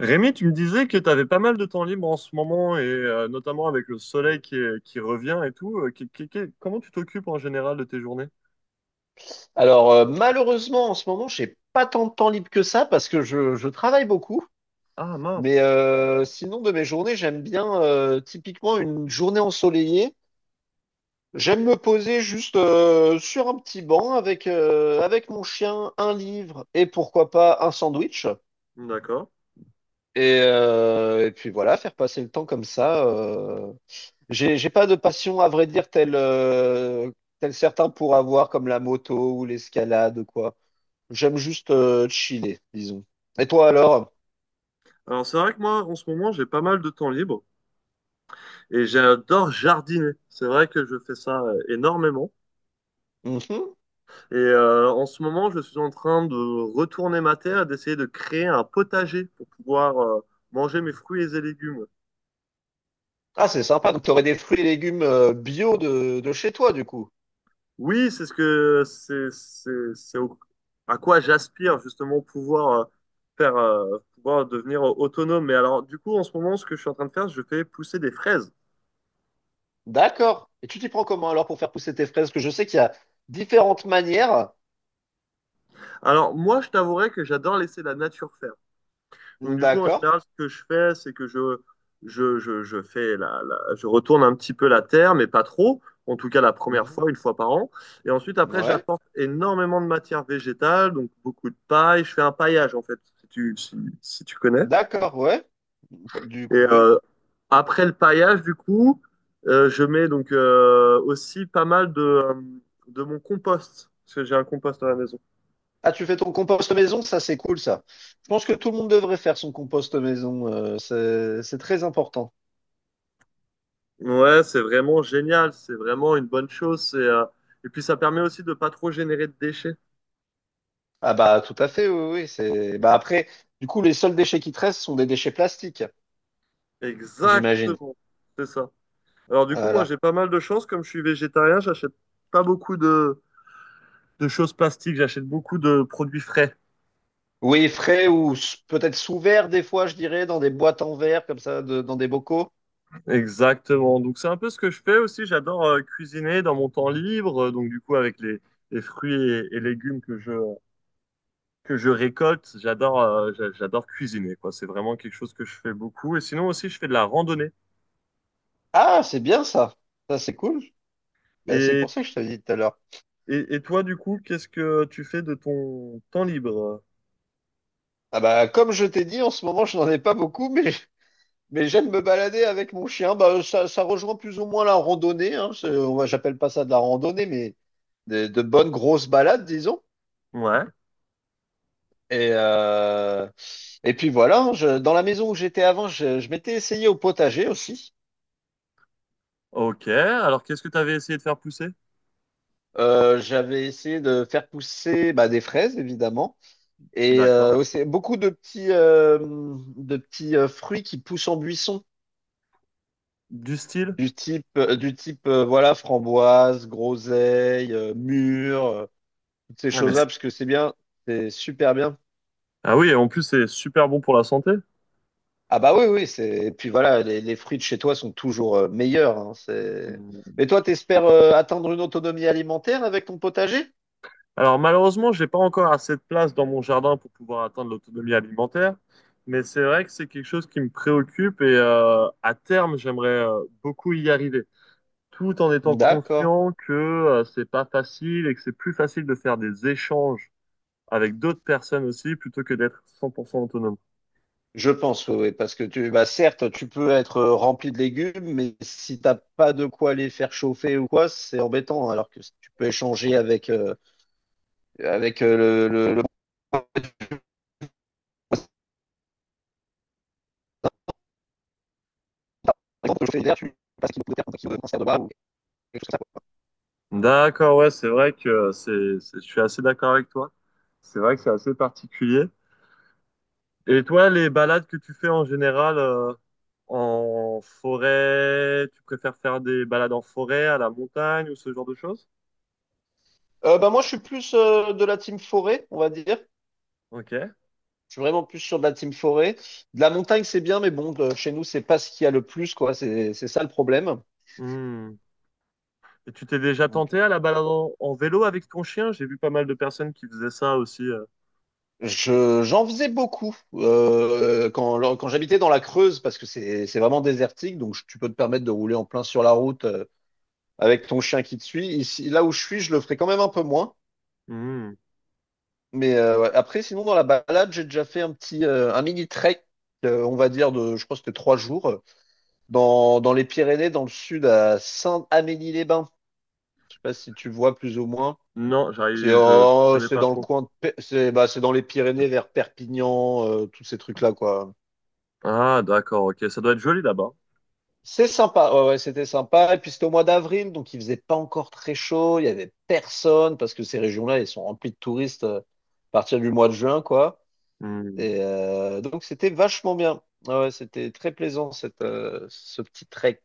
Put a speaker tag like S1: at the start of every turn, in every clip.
S1: Rémi, tu me disais que tu avais pas mal de temps libre en ce moment, et notamment avec le soleil qui revient et tout. Comment tu t'occupes en général de tes journées?
S2: Malheureusement, en ce moment, j'ai pas tant de temps libre que ça parce que je travaille beaucoup.
S1: Ah mince.
S2: Sinon, de mes journées, j'aime bien typiquement une journée ensoleillée. J'aime me poser juste sur un petit banc avec avec mon chien, un livre et pourquoi pas un sandwich.
S1: D'accord.
S2: Et puis voilà, faire passer le temps comme ça. J'ai pas de passion, à vrai dire, telle certains pour avoir, comme la moto ou l'escalade ou quoi. J'aime juste chiller, disons. Et toi alors?
S1: Alors c'est vrai que moi, en ce moment, j'ai pas mal de temps libre et j'adore jardiner. C'est vrai que je fais ça énormément.
S2: Mhm.
S1: Et en ce moment, je suis en train de retourner ma terre, d'essayer de créer un potager pour pouvoir manger mes fruits et légumes.
S2: Ah, c'est sympa. Donc, t'aurais des fruits et légumes bio de chez toi, du coup.
S1: Oui, c'est ce que à quoi j'aspire justement pouvoir faire pouvoir devenir autonome. Mais alors du coup en ce moment ce que je suis en train de faire, je fais pousser des fraises.
S2: D'accord. Et tu t'y prends comment alors pour faire pousser tes fraises? Parce que je sais qu'il y a différentes manières.
S1: Alors moi je t'avouerai que j'adore laisser la nature faire. Donc du coup en
S2: D'accord.
S1: général ce que je fais c'est que je fais je retourne un petit peu la terre mais pas trop. En tout cas la première
S2: Mhm.
S1: fois une fois par an. Et ensuite après
S2: Ouais.
S1: j'apporte énormément de matière végétale donc beaucoup de paille. Je fais un paillage en fait si tu connais.
S2: D'accord, ouais. Du
S1: Et
S2: coup, oui.
S1: après le paillage, du coup, je mets donc aussi pas mal de mon compost, parce que j'ai un compost à la maison.
S2: Ah, tu fais ton compost maison, ça c'est cool ça. Je pense que tout le monde devrait faire son compost maison, c'est très important.
S1: Ouais, c'est vraiment génial, c'est vraiment une bonne chose. Et puis ça permet aussi de pas trop générer de déchets.
S2: Ah bah tout à fait, oui, oui. C'est bah après, du coup, les seuls déchets qui te restent sont des déchets plastiques, j'imagine.
S1: Exactement, c'est ça. Alors du coup, moi
S2: Voilà.
S1: j'ai pas mal de chance, comme je suis végétarien, j'achète pas beaucoup de choses plastiques, j'achète beaucoup de produits frais.
S2: Oui, frais ou s- peut-être sous verre des fois, je dirais, dans des boîtes en verre comme ça, de- dans des bocaux.
S1: Exactement. Donc c'est un peu ce que je fais aussi. J'adore cuisiner dans mon temps libre. Donc du coup avec les fruits et légumes que je récolte, j'adore j'adore cuisiner quoi. C'est vraiment quelque chose que je fais beaucoup. Et sinon aussi je fais de la randonnée.
S2: Ah, c'est bien ça. Ça c'est cool. Bah, c'est
S1: Et
S2: pour ça que je te l'ai dit tout à l'heure.
S1: et toi du coup qu'est-ce que tu fais de ton temps libre?
S2: Ah bah comme je t'ai dit, en ce moment, je n'en ai pas beaucoup, mais j'aime me balader avec mon chien. Bah, ça rejoint plus ou moins la randonnée. Hein. C'est- moi, j'appelle pas ça de la randonnée, mais de bonnes grosses balades, disons.
S1: Ouais.
S2: Et, euh, et puis voilà, hein, je- dans la maison où j'étais avant, je m'étais essayé au potager aussi.
S1: Ok. Alors qu'est-ce que tu avais essayé de faire pousser?
S2: J'avais essayé de faire pousser bah, des fraises, évidemment, et
S1: D'accord.
S2: aussi beaucoup de de petits fruits qui poussent en buisson,
S1: Du style?
S2: du type voilà, framboise, groseille, mûre. Toutes ces
S1: Ah mais c'est-
S2: choses-là, parce que c'est super bien.
S1: ah oui. Et en plus c'est super bon pour la santé.
S2: Ah bah oui, oui, c'est. Et puis voilà, les fruits de chez toi sont toujours meilleurs. Hein, c'est... Mais toi, t'espères atteindre une autonomie alimentaire avec ton potager?
S1: Alors malheureusement, j'ai pas encore assez de place dans mon jardin pour pouvoir atteindre l'autonomie alimentaire, mais c'est vrai que c'est quelque chose qui me préoccupe et à terme, j'aimerais beaucoup y arriver, tout en étant
S2: D'accord.
S1: conscient que c'est pas facile et que c'est plus facile de faire des échanges avec d'autres personnes aussi plutôt que d'être 100% autonome.
S2: Je pense, oui, oui, parce que tu, bah certes, tu peux être rempli de légumes, mais si t'as pas de quoi les faire chauffer ou quoi, c'est embêtant. Alors que si tu peux échanger avec le moment de chauffer tu passes un kilo de terre, un kilo de cancer de bas ou quelque chose comme ça, quoi.
S1: D'accord, ouais, c'est vrai que je suis assez d'accord avec toi. C'est vrai que c'est assez particulier. Et toi, les balades que tu fais en général en forêt, tu préfères faire des balades en forêt, à la montagne ou ce genre de choses?
S2: Bah moi, je suis plus de la team forêt, on va dire.
S1: Ok.
S2: Je suis vraiment plus sur de la team forêt. De la montagne, c'est bien, mais bon, de- chez nous, c'est pas ce qu'il y a le plus, quoi. C'est ça le problème.
S1: Hmm. Et tu t'es déjà
S2: Donc,
S1: tenté à la balade en vélo avec ton chien? J'ai vu pas mal de personnes qui faisaient ça aussi.
S2: j'en faisais beaucoup quand j'habitais dans la Creuse, parce que c'est vraiment désertique, donc je- tu peux te permettre de rouler en plein sur la route avec ton chien qui te suit. Ici, là où je suis, je le ferai quand même un peu moins.
S1: Hmm.
S2: Ouais. Après, sinon, dans la balade, j'ai déjà fait un un mini trek, on va dire de, je crois que c'était trois jours, dans les Pyrénées, dans le sud, à Saint-Amélie-les-Bains. Je sais pas si tu vois plus ou moins.
S1: Non,
S2: C'est
S1: j'arrive, je
S2: oh,
S1: connais
S2: c'est
S1: pas
S2: dans le
S1: trop.
S2: coin de Pe- c'est bah, c'est dans les Pyrénées vers Perpignan, tous ces trucs-là, quoi.
S1: Ah, d'accord, ok. Ça doit être joli là-bas.
S2: C'est sympa, ouais, ouais, c'était sympa. Et puis c'était au mois d'avril, donc il faisait pas encore très chaud, il y avait personne, parce que ces régions-là, elles sont remplies de touristes à partir du mois de juin, quoi.
S1: Hmm.
S2: Et donc c'était vachement bien. Ouais, ouais, c'était très plaisant ce petit trek.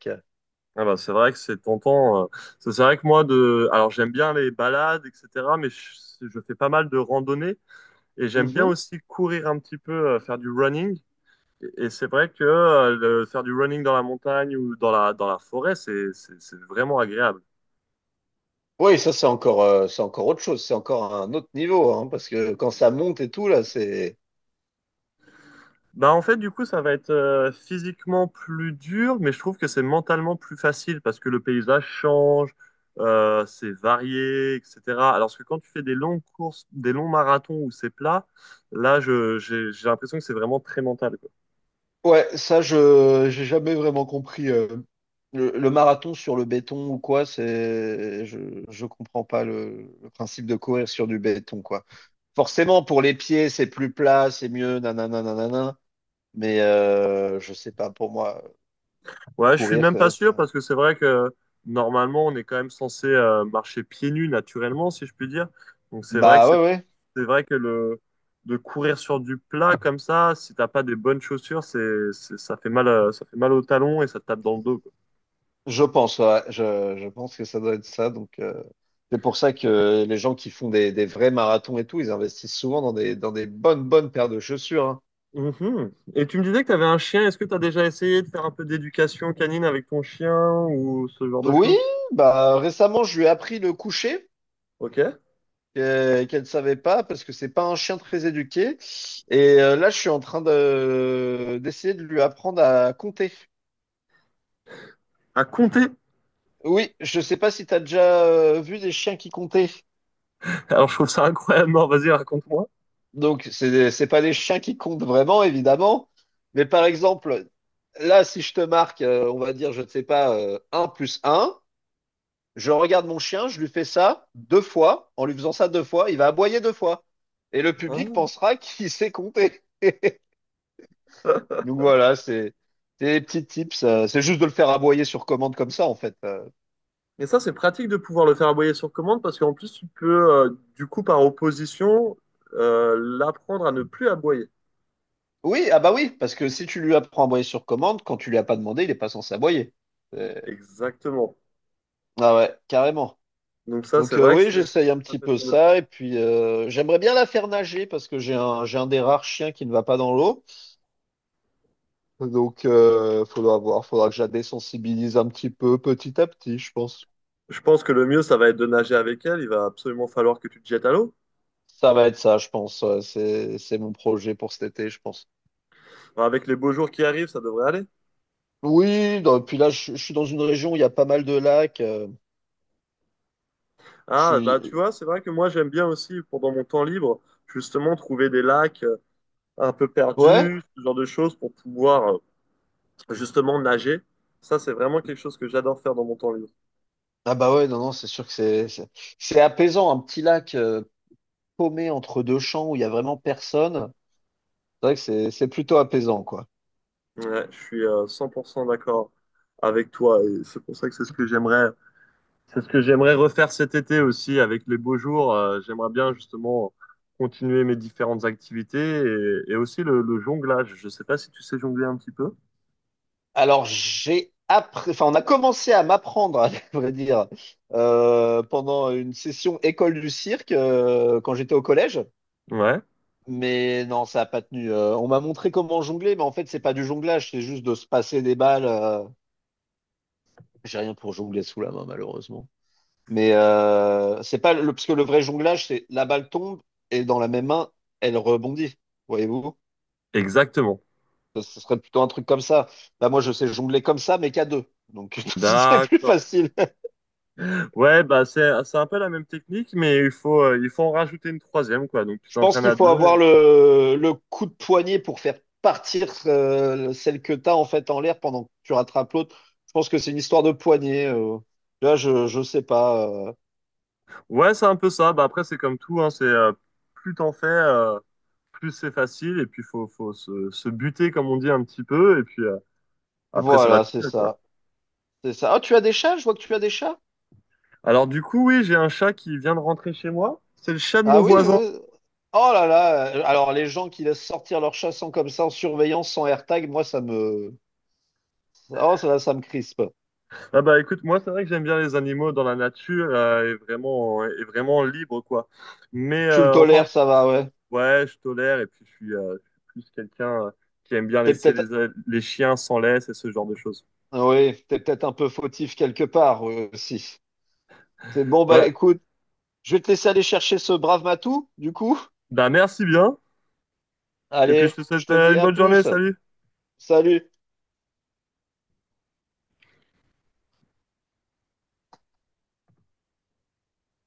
S1: Ah bah, c'est vrai que c'est tentant. C'est vrai que moi, de... alors j'aime bien les balades, etc., mais je fais pas mal de randonnées. Et j'aime bien
S2: Mhm.
S1: aussi courir un petit peu, faire du running. Et c'est vrai que faire du running dans la montagne ou dans dans la forêt, c'est vraiment agréable.
S2: Oui, ça c'est c'est encore autre chose, c'est encore un autre niveau, hein, parce que quand ça monte et tout, là, c'est
S1: Bah, en fait, du coup, ça va être physiquement plus dur, mais je trouve que c'est mentalement plus facile parce que le paysage change, c'est varié, etc. Alors que quand tu fais des longues courses, des longs marathons où c'est plat, là, j'ai l'impression que c'est vraiment très mental.
S2: ouais, ça, je j'ai jamais vraiment compris. Le marathon sur le béton ou quoi, c'est je comprends pas le principe de courir sur du béton quoi. Forcément, pour les pieds, c'est plus plat, c'est mieux, nanana, nanana. Mais je sais pas, pour moi,
S1: Ouais, je suis
S2: courir,
S1: même pas sûr
S2: ça-
S1: parce que c'est vrai que normalement on est quand même censé marcher pieds nus naturellement, si je puis dire. Donc
S2: bah ouais ouais,
S1: c'est vrai que le de courir sur du plat comme ça, si t'as pas des bonnes chaussures, ça fait mal au talon et ça te tape dans le dos, quoi.
S2: je pense, ouais, je pense que ça doit être ça. Donc c'est pour ça que les gens qui font des vrais marathons et tout, ils investissent souvent dans des bonnes paires de chaussures. Hein.
S1: Mhm. Et tu me disais que tu avais un chien. Est-ce que tu as déjà essayé de faire un peu d'éducation canine avec ton chien ou ce genre de
S2: Oui,
S1: choses?
S2: bah récemment je lui ai appris le coucher
S1: Ok.
S2: qu'elle ne savait pas parce que c'est pas un chien très éduqué. Et là je suis en train de d'essayer de lui apprendre à compter.
S1: À compter?
S2: Oui, je sais pas si tu as déjà vu des chiens qui comptaient.
S1: Alors je trouve ça incroyable. Non, vas-y, raconte-moi.
S2: Donc c'est pas des chiens qui comptent vraiment évidemment, mais par exemple là si je te marque on va dire je ne sais pas un plus un. Je regarde mon chien, je lui fais ça deux fois. En lui faisant ça deux fois, il va aboyer deux fois. Et le public
S1: Hein.
S2: pensera qu'il sait compter. Donc voilà, c'est des petits tips. C'est juste de le faire aboyer sur commande comme ça, en fait.
S1: Et ça, c'est pratique de pouvoir le faire aboyer sur commande parce qu'en plus, tu peux, du coup, par opposition, l'apprendre à ne plus aboyer.
S2: Oui, ah bah oui, parce que si tu lui apprends à aboyer sur commande, quand tu lui as pas demandé, il est pas censé aboyer. C'est-
S1: Exactement.
S2: ah ouais, carrément.
S1: Donc ça,
S2: Donc
S1: c'est vrai que
S2: oui,
S1: c'est...
S2: j'essaye un
S1: ça
S2: petit
S1: peut
S2: peu
S1: être une option.
S2: ça. Et puis j'aimerais bien la faire nager parce que j'ai un des rares chiens qui ne va pas dans l'eau. Donc, faudra voir, faudra que je la désensibilise un petit peu, petit à petit, je pense.
S1: Je pense que le mieux, ça va être de nager avec elle. Il va absolument falloir que tu te jettes à l'eau.
S2: Ça va être ça, je pense. C'est mon projet pour cet été, je pense.
S1: Enfin, avec les beaux jours qui arrivent, ça devrait aller.
S2: Oui, non, et puis là, je suis dans une région où il y a pas mal de lacs. Je
S1: Ah, bah tu
S2: suis.
S1: vois, c'est vrai que moi, j'aime bien aussi, pendant mon temps libre, justement, trouver des lacs un peu
S2: Ouais?
S1: perdus, ce genre de choses, pour pouvoir justement nager. Ça, c'est vraiment quelque chose que j'adore faire dans mon temps libre.
S2: Ah bah ouais, non, non, c'est sûr que c'est c'est apaisant, un petit lac paumé entre deux champs où il y a vraiment personne. C'est vrai que c'est plutôt apaisant, quoi.
S1: Ouais, je suis 100% d'accord avec toi et c'est pour ça que c'est ce que j'aimerais refaire cet été aussi avec les beaux jours. J'aimerais bien justement continuer mes différentes activités et aussi le jonglage. Je sais pas si tu sais jongler un petit peu.
S2: Alors, j'ai appris, enfin, on a commencé à m'apprendre, à vrai dire, pendant une session école du cirque quand j'étais au collège.
S1: Ouais,
S2: Mais non, ça n'a pas tenu. On m'a montré comment jongler, mais en fait, c'est pas du jonglage, c'est juste de se passer des balles. J'ai rien pour jongler sous la main, malheureusement. Mais c'est pas le, parce que le vrai jonglage, c'est la balle tombe et dans la même main, elle rebondit. Voyez-vous?
S1: exactement.
S2: Ce ce serait plutôt un truc comme ça. Là, moi, je sais jongler comme ça, mais qu'à deux. Donc, c'est plus
S1: D'accord.
S2: facile.
S1: Ouais, bah c'est un peu la même technique mais il faut en rajouter une troisième quoi. Donc tu
S2: Je pense
S1: t'entraînes
S2: qu'il
S1: à
S2: faut
S1: deux.
S2: avoir
S1: Et-
S2: le coup de poignet pour faire partir celle que tu as en fait en l'air pendant que tu rattrapes l'autre. Je pense que c'est une histoire de poignet. Là, je sais pas.
S1: Ouais, c'est un peu ça. Bah après c'est comme tout hein, c'est plus t'en fais plus c'est facile et puis se buter comme on dit un petit peu et puis après ça va
S2: Voilà,
S1: tout
S2: c'est
S1: seul quoi.
S2: ça. C'est ça. Ah, tu as des chats? Je vois que tu as des chats.
S1: Alors du coup oui j'ai un chat qui vient de rentrer chez moi. C'est le chat de
S2: Ah
S1: mon
S2: oui.
S1: voisin.
S2: Oh là là. Alors, les gens qui laissent sortir leurs chats sans comme ça, en surveillance, sans AirTag, moi, ça me. Oh, ça me crispe.
S1: Ah bah écoute moi c'est vrai que j'aime bien les animaux dans la nature et vraiment libre quoi. Mais
S2: Tu le
S1: enfin
S2: tolères, ça va, ouais.
S1: ouais je tolère et puis je suis plus quelqu'un qui aime bien
S2: T'es
S1: laisser
S2: peut-être.
S1: les chiens sans laisse et ce genre de choses.
S2: Oui, t'es peut-être un peu fautif quelque part, aussi. C'est bon, bah
S1: Bah
S2: écoute. Je vais te laisser aller chercher ce brave Matou, du coup.
S1: bah merci bien et puis je te
S2: Allez, je
S1: souhaite
S2: te dis
S1: une
S2: à
S1: bonne journée
S2: plus.
S1: salut.
S2: Salut.